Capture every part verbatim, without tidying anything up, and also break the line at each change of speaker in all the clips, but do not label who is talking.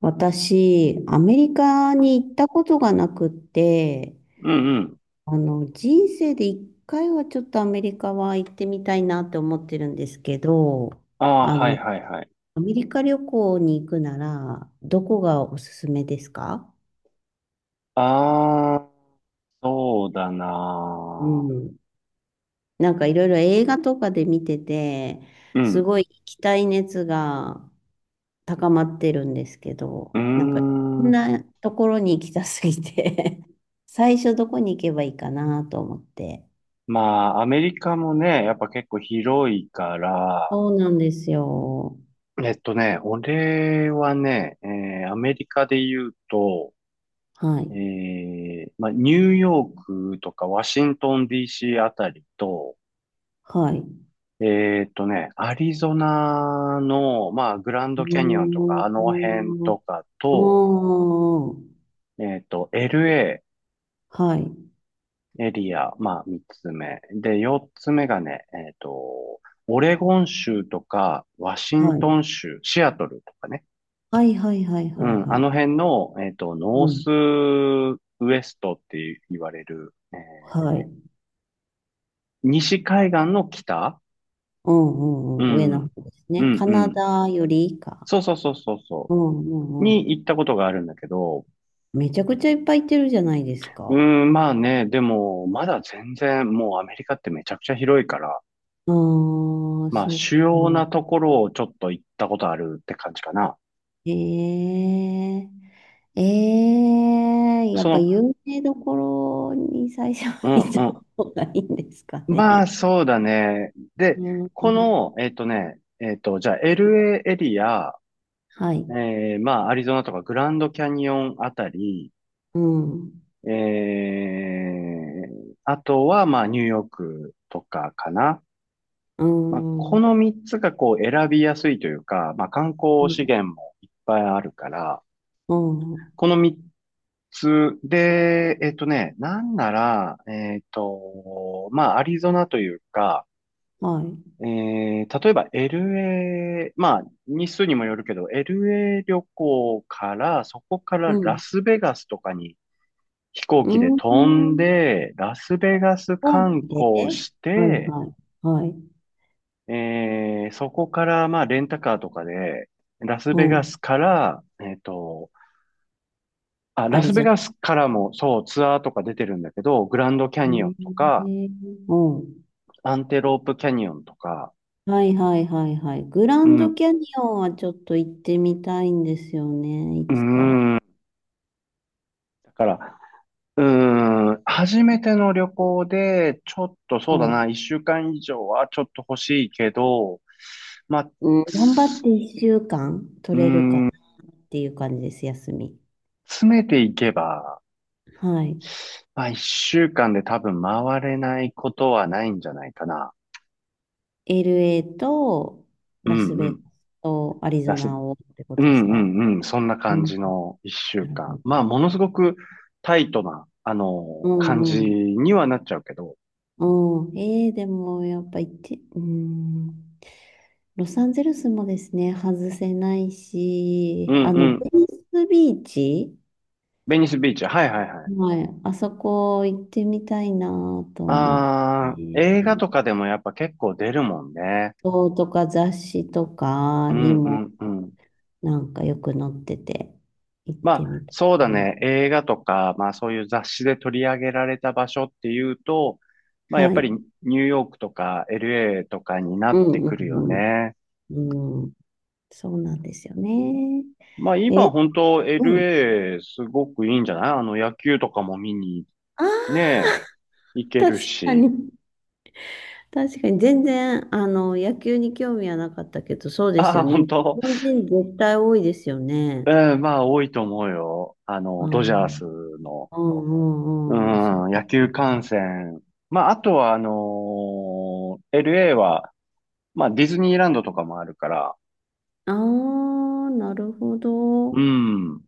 私、アメリカに行ったことがなくって、
うんうん。
あの、人生で一回はちょっとアメリカは行ってみたいなって思ってるんですけど、
ああ、
あ
はい
の、
はいはい。
アメリカ旅行に行くなら、どこがおすすめですか？
ああ、そうだ
う
な
ん。なんかいろいろ映画とかで見てて、
ー。う
す
ん。
ごい行きたい熱が高まってるんですけ
う
ど、
ー
なんか、こん
ん。
なところに行きたすぎて 最初どこに行けばいいかなと思って。
まあ、アメリカもね、やっぱ結構広いから、
そうなんですよ。
えっとね、俺はね、えーアメリカで言うと、
は
え
い。
ーまあ、ニューヨークとかワシントン ディーシー あたりと、
はい。
えーっとね、アリゾナの、まあ、グラン
う
ドキャニオンとか、あの辺
ー
と
ん。
か
あ
と、
あ。
えーっと、エルエー
はい。
エリア、まあ、三つ目。で、四つ目がね、えっと、オレゴン州とか、ワシ
は
ントン
い。
州、シアトルとかね。
はいはいはい
う
はい
ん、
は
あの
い。
辺の、えっと、ノ
う
ース
ん。
ウエストって言われる、えー
はい。
西海岸の北。
うん
う
うんうん。上の
ん、
方です
う
ね。
ん、
カ
う
ナ
ん。
ダより以下。
そうそうそうそうそ
うんう
う。
んう
に
ん。
行ったことがあるんだけど、
めちゃくちゃいっぱい行ってるじゃないです
う
か。
ん、まあね、でも、まだ全然、もうアメリカってめちゃくちゃ広いから、
ああ、
まあ、
そっ
主要な
か。
ところをちょっと行ったことあるって感じかな。
ええええや
そ
っぱ
の、
有名どころに最初は
う
行っ
ん
た方がいいんですか
うん。まあ、
ね？
そうだね。で、
うん、
この、えっとね、えっと、じゃあ、エルエー エーエリア、
はい。
えー、まあ、アリゾナとかグランドキャニオンあたり、
うん。
えー、あとは、まあ、ニューヨークとかかな。
う
まあ、
ん。
この
は
みっつがこう選びやすいというか、まあ、観光資
い。
源もいっぱいあるから、
うん。
このみっつで、えっとね、なんなら、えっと、まあ、アリゾナというか、
はい。
えー、例えば エルエー、まあ、日数にもよるけど、エルエー 旅行から、そこから
う
ラ
ん。
スベガスとかに飛行
う
機で
ん。
飛んで、ラスベガス
大き
観
で
光し
はい、
て、
はい。はい。
えー、そこから、まあ、レンタカーとかで、ラス
う
ベガ
ん。
スから、えっと、あ、
ア
ラ
リ
スベ
ゾナ。
ガスからも、そう、ツアーとか出てるんだけど、グランドキャニオンとか、
へうん。
アンテロープキャニオンとか、
はい、はい、はい、はい。グラ
う
ン
ん、う
ドキャニオンはちょっと行ってみたいんですよね。い
ー
つか。
ん、だから、うーん、初めての旅行で、ちょっとそう
は
だ
い。
な、一週間以上はちょっと欲しいけど、まあ、
うん。頑張っ
つ
ていっしゅうかん
う
取
ー
れるかな
ん、
っていう感じです、休み。
詰めていけば、
はい。
まあ一週間で多分回れないことはないんじゃないかな。
エルエー と
う
ラス
んう
ベ
ん。
ガスとアリ
だ
ゾ
し。
ナをってこ
う
と
ん
です
う
か？
んうん、そんな
う
感
ん。
じの一週
なるほ
間。
ど。
まあものすごくタイトな、あ
う
の、感じ
んうん。
にはなっちゃうけど。
うん。えー、でもやっぱ行って、うん。ロサンゼルスもですね、外せない
うん
し、あ
う
の、
ん。
ベニスビーチ、
ベニスビーチ。はいはいはい。
はい、あそこ行ってみたいなと思っ
ああ、映画
て、
とかでもやっぱ結構出るもんね。
そうとか雑誌とか
う
に
んう
も
んうん。
なんかよく載ってて、行っ
ま
て
あ、
みたい
そうだ
な。
ね。映画とか、まあそういう雑誌で取り上げられた場所っていうと、まあやっ
は
ぱ
い。
りニューヨークとか エルエー とかにな
う
って
んう
くるよ
ん
ね。
うんうん。そうなんですよね。
まあ
え
今
ー
本当
うん。
エルエー すごくいいんじゃない。あの野球とかも見に
ああ
ね、行け
確
る
か
し。
に。確かに、全然、あの、野球に興味はなかったけど、そうです
あ
よ
あ、
ね。
本
日
当。
本人絶対多いですよね。
うん、まあ多いと思うよ。あ
う
の、ドジャース
ん、
の。
うん、う
う
ん、うん、そう
ん、
で
野
す
球観
ね。
戦。まあ、あとは、あのー エルエー は、まあ、ディズニーランドとかもあるから、
ああ、なるほ
う
ど。
ん。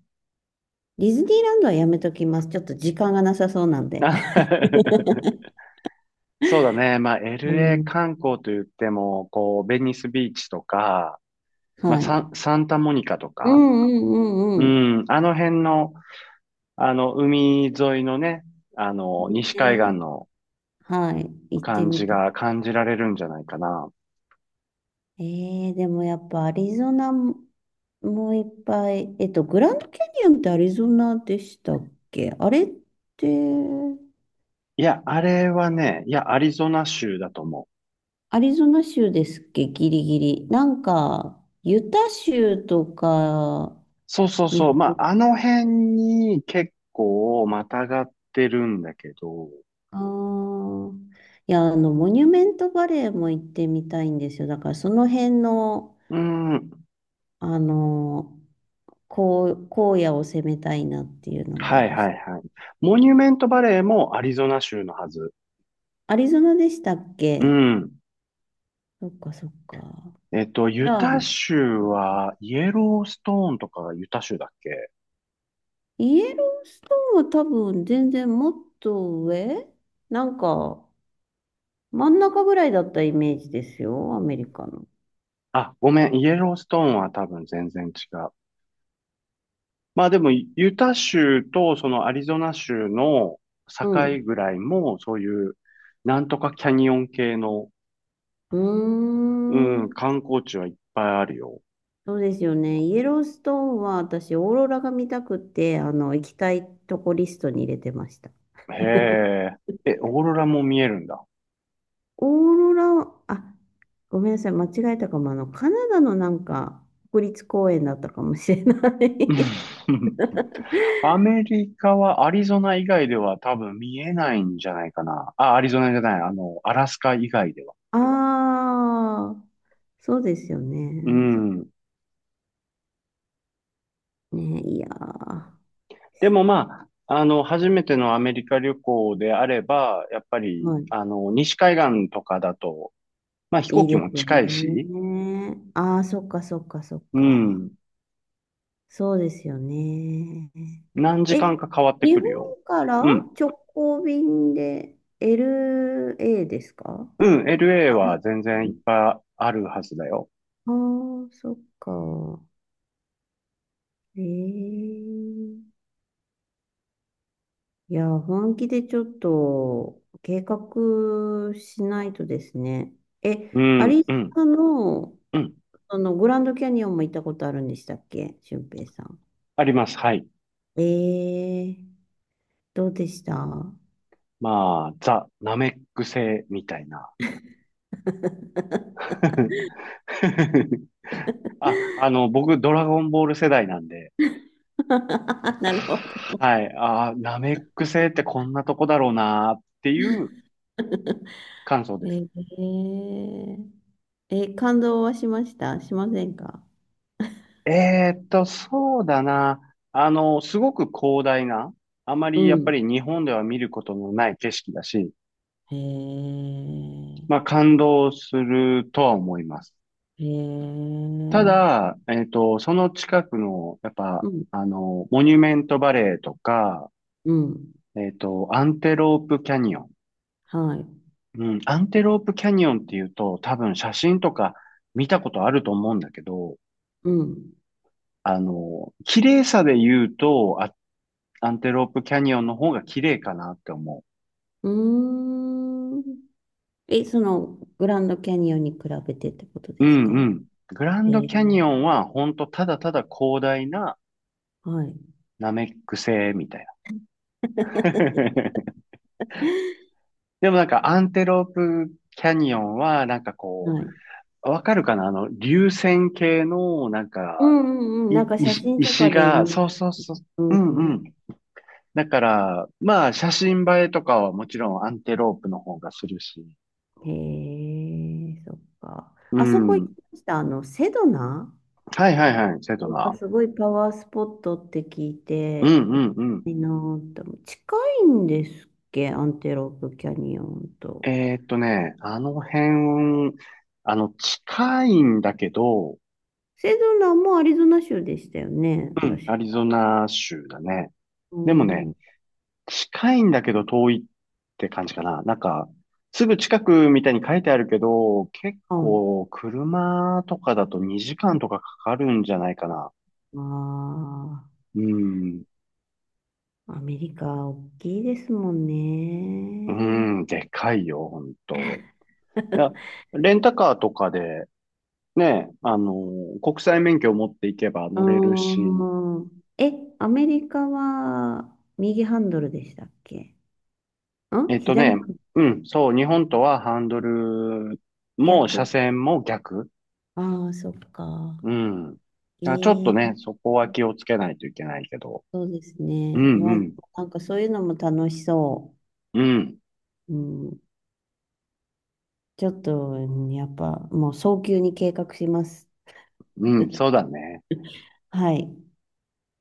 ディズニーランドはやめときます。ちょっと時間がなさそうなんで。
そうだね。まあ、
う
エルエー
ん、
観光と言っても、こう、ベニスビーチとか、まあ、
はい。
サン、サンタモニカと
う
か、
ん、うん、う
う
ん、うん。
ん、あの辺の、あの、海沿いのね、あの、西海岸
ね
の
はい。行って
感
み
じ
たい。
が感じられるんじゃないかな。
えー、でもやっぱアリゾナももいっぱい、えっと、グランドキャニオンってアリゾナでしたっけあれって、
いや、あれはね、いや、アリゾナ州だと思う。
アリゾナ州ですっけ？ギリギリ。なんか、ユタ州とか
そうそう
に
そ
入
う。ま
る、
あ、あの辺に結構またがってるんだけど、
あーいや、あの、モニュメントバレーも行ってみたいんですよ。だから、その辺の、
うん。
あの、こう、荒野を攻めたいなっていうのもあ
はい
る
は
し。
いはい。モニュメントバレーもアリゾナ州のはず。
アリゾナでしたっ
う
け？
ん。
そっかそっか。
えっと、ユ
あ
タ
あ、
州は、イエローストーンとかがユタ州だっけ？
イエローストーンは多分全然もっと上なんか真ん中ぐらいだったイメージですよ、アメリカの。
あ、ごめん、イエローストーンは多分全然違う。まあでも、ユタ州とそのアリゾナ州の境
うん。
ぐらいも、そういう、なんとかキャニオン系の、
うー
うん、
ん。
観光地はいっぱいあるよ。
そうですよね。イエローストーンは私、オーロラが見たくて、あの、行きたいとこリストに入れてました。
へえ。え、オーロラも見えるんだ。
オーロラは、あ、ごめんなさい、間違えたかも。あの、カナダのなんか国立公園だったかもしれない
うん アメリカはアリゾナ以外では多分見えないんじゃないかな。あ、アリゾナじゃない。あの、アラスカ以外では。
ああ、そうですよ
う
ね。
ん。
ね、いやー、
でもまあ、あの、初めてのアメリカ旅行であれば、やっぱり、
はい。
あの、西海岸とかだと、まあ飛
い
行
い
機
です
も
よ
近いし、
ね。ああ、そっかそっかそっ
う
か。
ん。
そうですよね。
何時間
え、
か変わって
日
くるよ。
本から
うん。
直行便で エルエー ですか？
うん。エルエー は全然いっぱいあるはずだよ。
ああー、そっか。ええいや、本気でちょっと計画しないとですね。え、
う
ア
ん。
リゾ
うん。
ナの
うん。
あの、グランドキャニオンも行ったことあるんでしたっけ？俊平さん。
あります。はい。
ええどうでした？
まあ、ザ・ナメック星みたいな。あ、あの、僕、ドラゴンボール世代なんで、
なるほど。
はい。あー、ナメック星ってこんなとこだろうなっていう 感想です。
えええ、感動はしましたしませんか？
えーっと、そうだな。あの、すごく広大な、あま
う
りやっぱ
ん。
り日本では見ることのない景色だし、
へえ、
まあ感動するとは思います。
へえ、
ただ、えーっと、その近くの、やっぱ、
うん、
あの、モニュメントバレーとか、
うん、
えっと、アンテロープキャニオン。
はい、
うん、アンテロープキャニオンっていうと、多分写真とか見たことあると思うんだけど、
うん。
あの、綺麗さで言うと、あアンテロープキャニオンの方が綺麗かなって思
うーん。え、その、グランドキャニオンに比べてってこと
う。う
です
んう
か？
ん。グラン
え
ド
え、
キャニオンは、ほんとただただ広大な
はい、
ナメック星みたいな。でもなんかアンテロープキャニオンは、なんかこ
はい。
う、わかるかなあの、流線形の、なん
う
か、
んうんうん。
い、
なんか写
石、
真と
石
かで
が、
見
そう
ます。
そうそう。
うん
うんう
う
ん。だから、まあ、写真映えとかはもちろんアンテロープの方がするし。
ん。へえ、そっか。
う
あそこ行き
ん。
ました。あの、セドナ
はいはいはい、セド
なんか
ナ。
すごいパワースポットって聞い
う
て、
んう
行き
んうん。
たいなーって思う。近いんですっけ？アンテロープキャニオンと。
えーっとね、あの辺、あの、近いんだけど、
セドナもアリゾナ州でしたよね。
うん、
確
アリ
か。
ゾナ州だね。
う
でも
ん。
ね、
はい。
近いんだけど遠いって感じかな。なんか、すぐ近くみたいに書いてあるけど、結構車とかだとにじかんとかかかるんじゃないかな。
あま
うん。
あ、アメリカ大きいですもん
う
ね。
ん、でかいよ、ほんと。だレンタカーとかで、ね、あの、国際免許を持っていけば
あ
乗れるし、
ーえ、アメリカは右ハンドルでしたっけ？ん、
えっと
左
ね、
ハンドル？
うん、そう、日本とはハンドルも車
逆。
線も逆。
ああ、そっか。
うん。だからちょっと
え
ね、
え
そこは気をつけないといけないけど。
そうです
う
ね。
ん
まあ、
うん。
なんかそういうのも楽しそ
うん。
う。うん、ちょっと、うんやっぱもう早急に計画します。
うん。そうだね。
はい。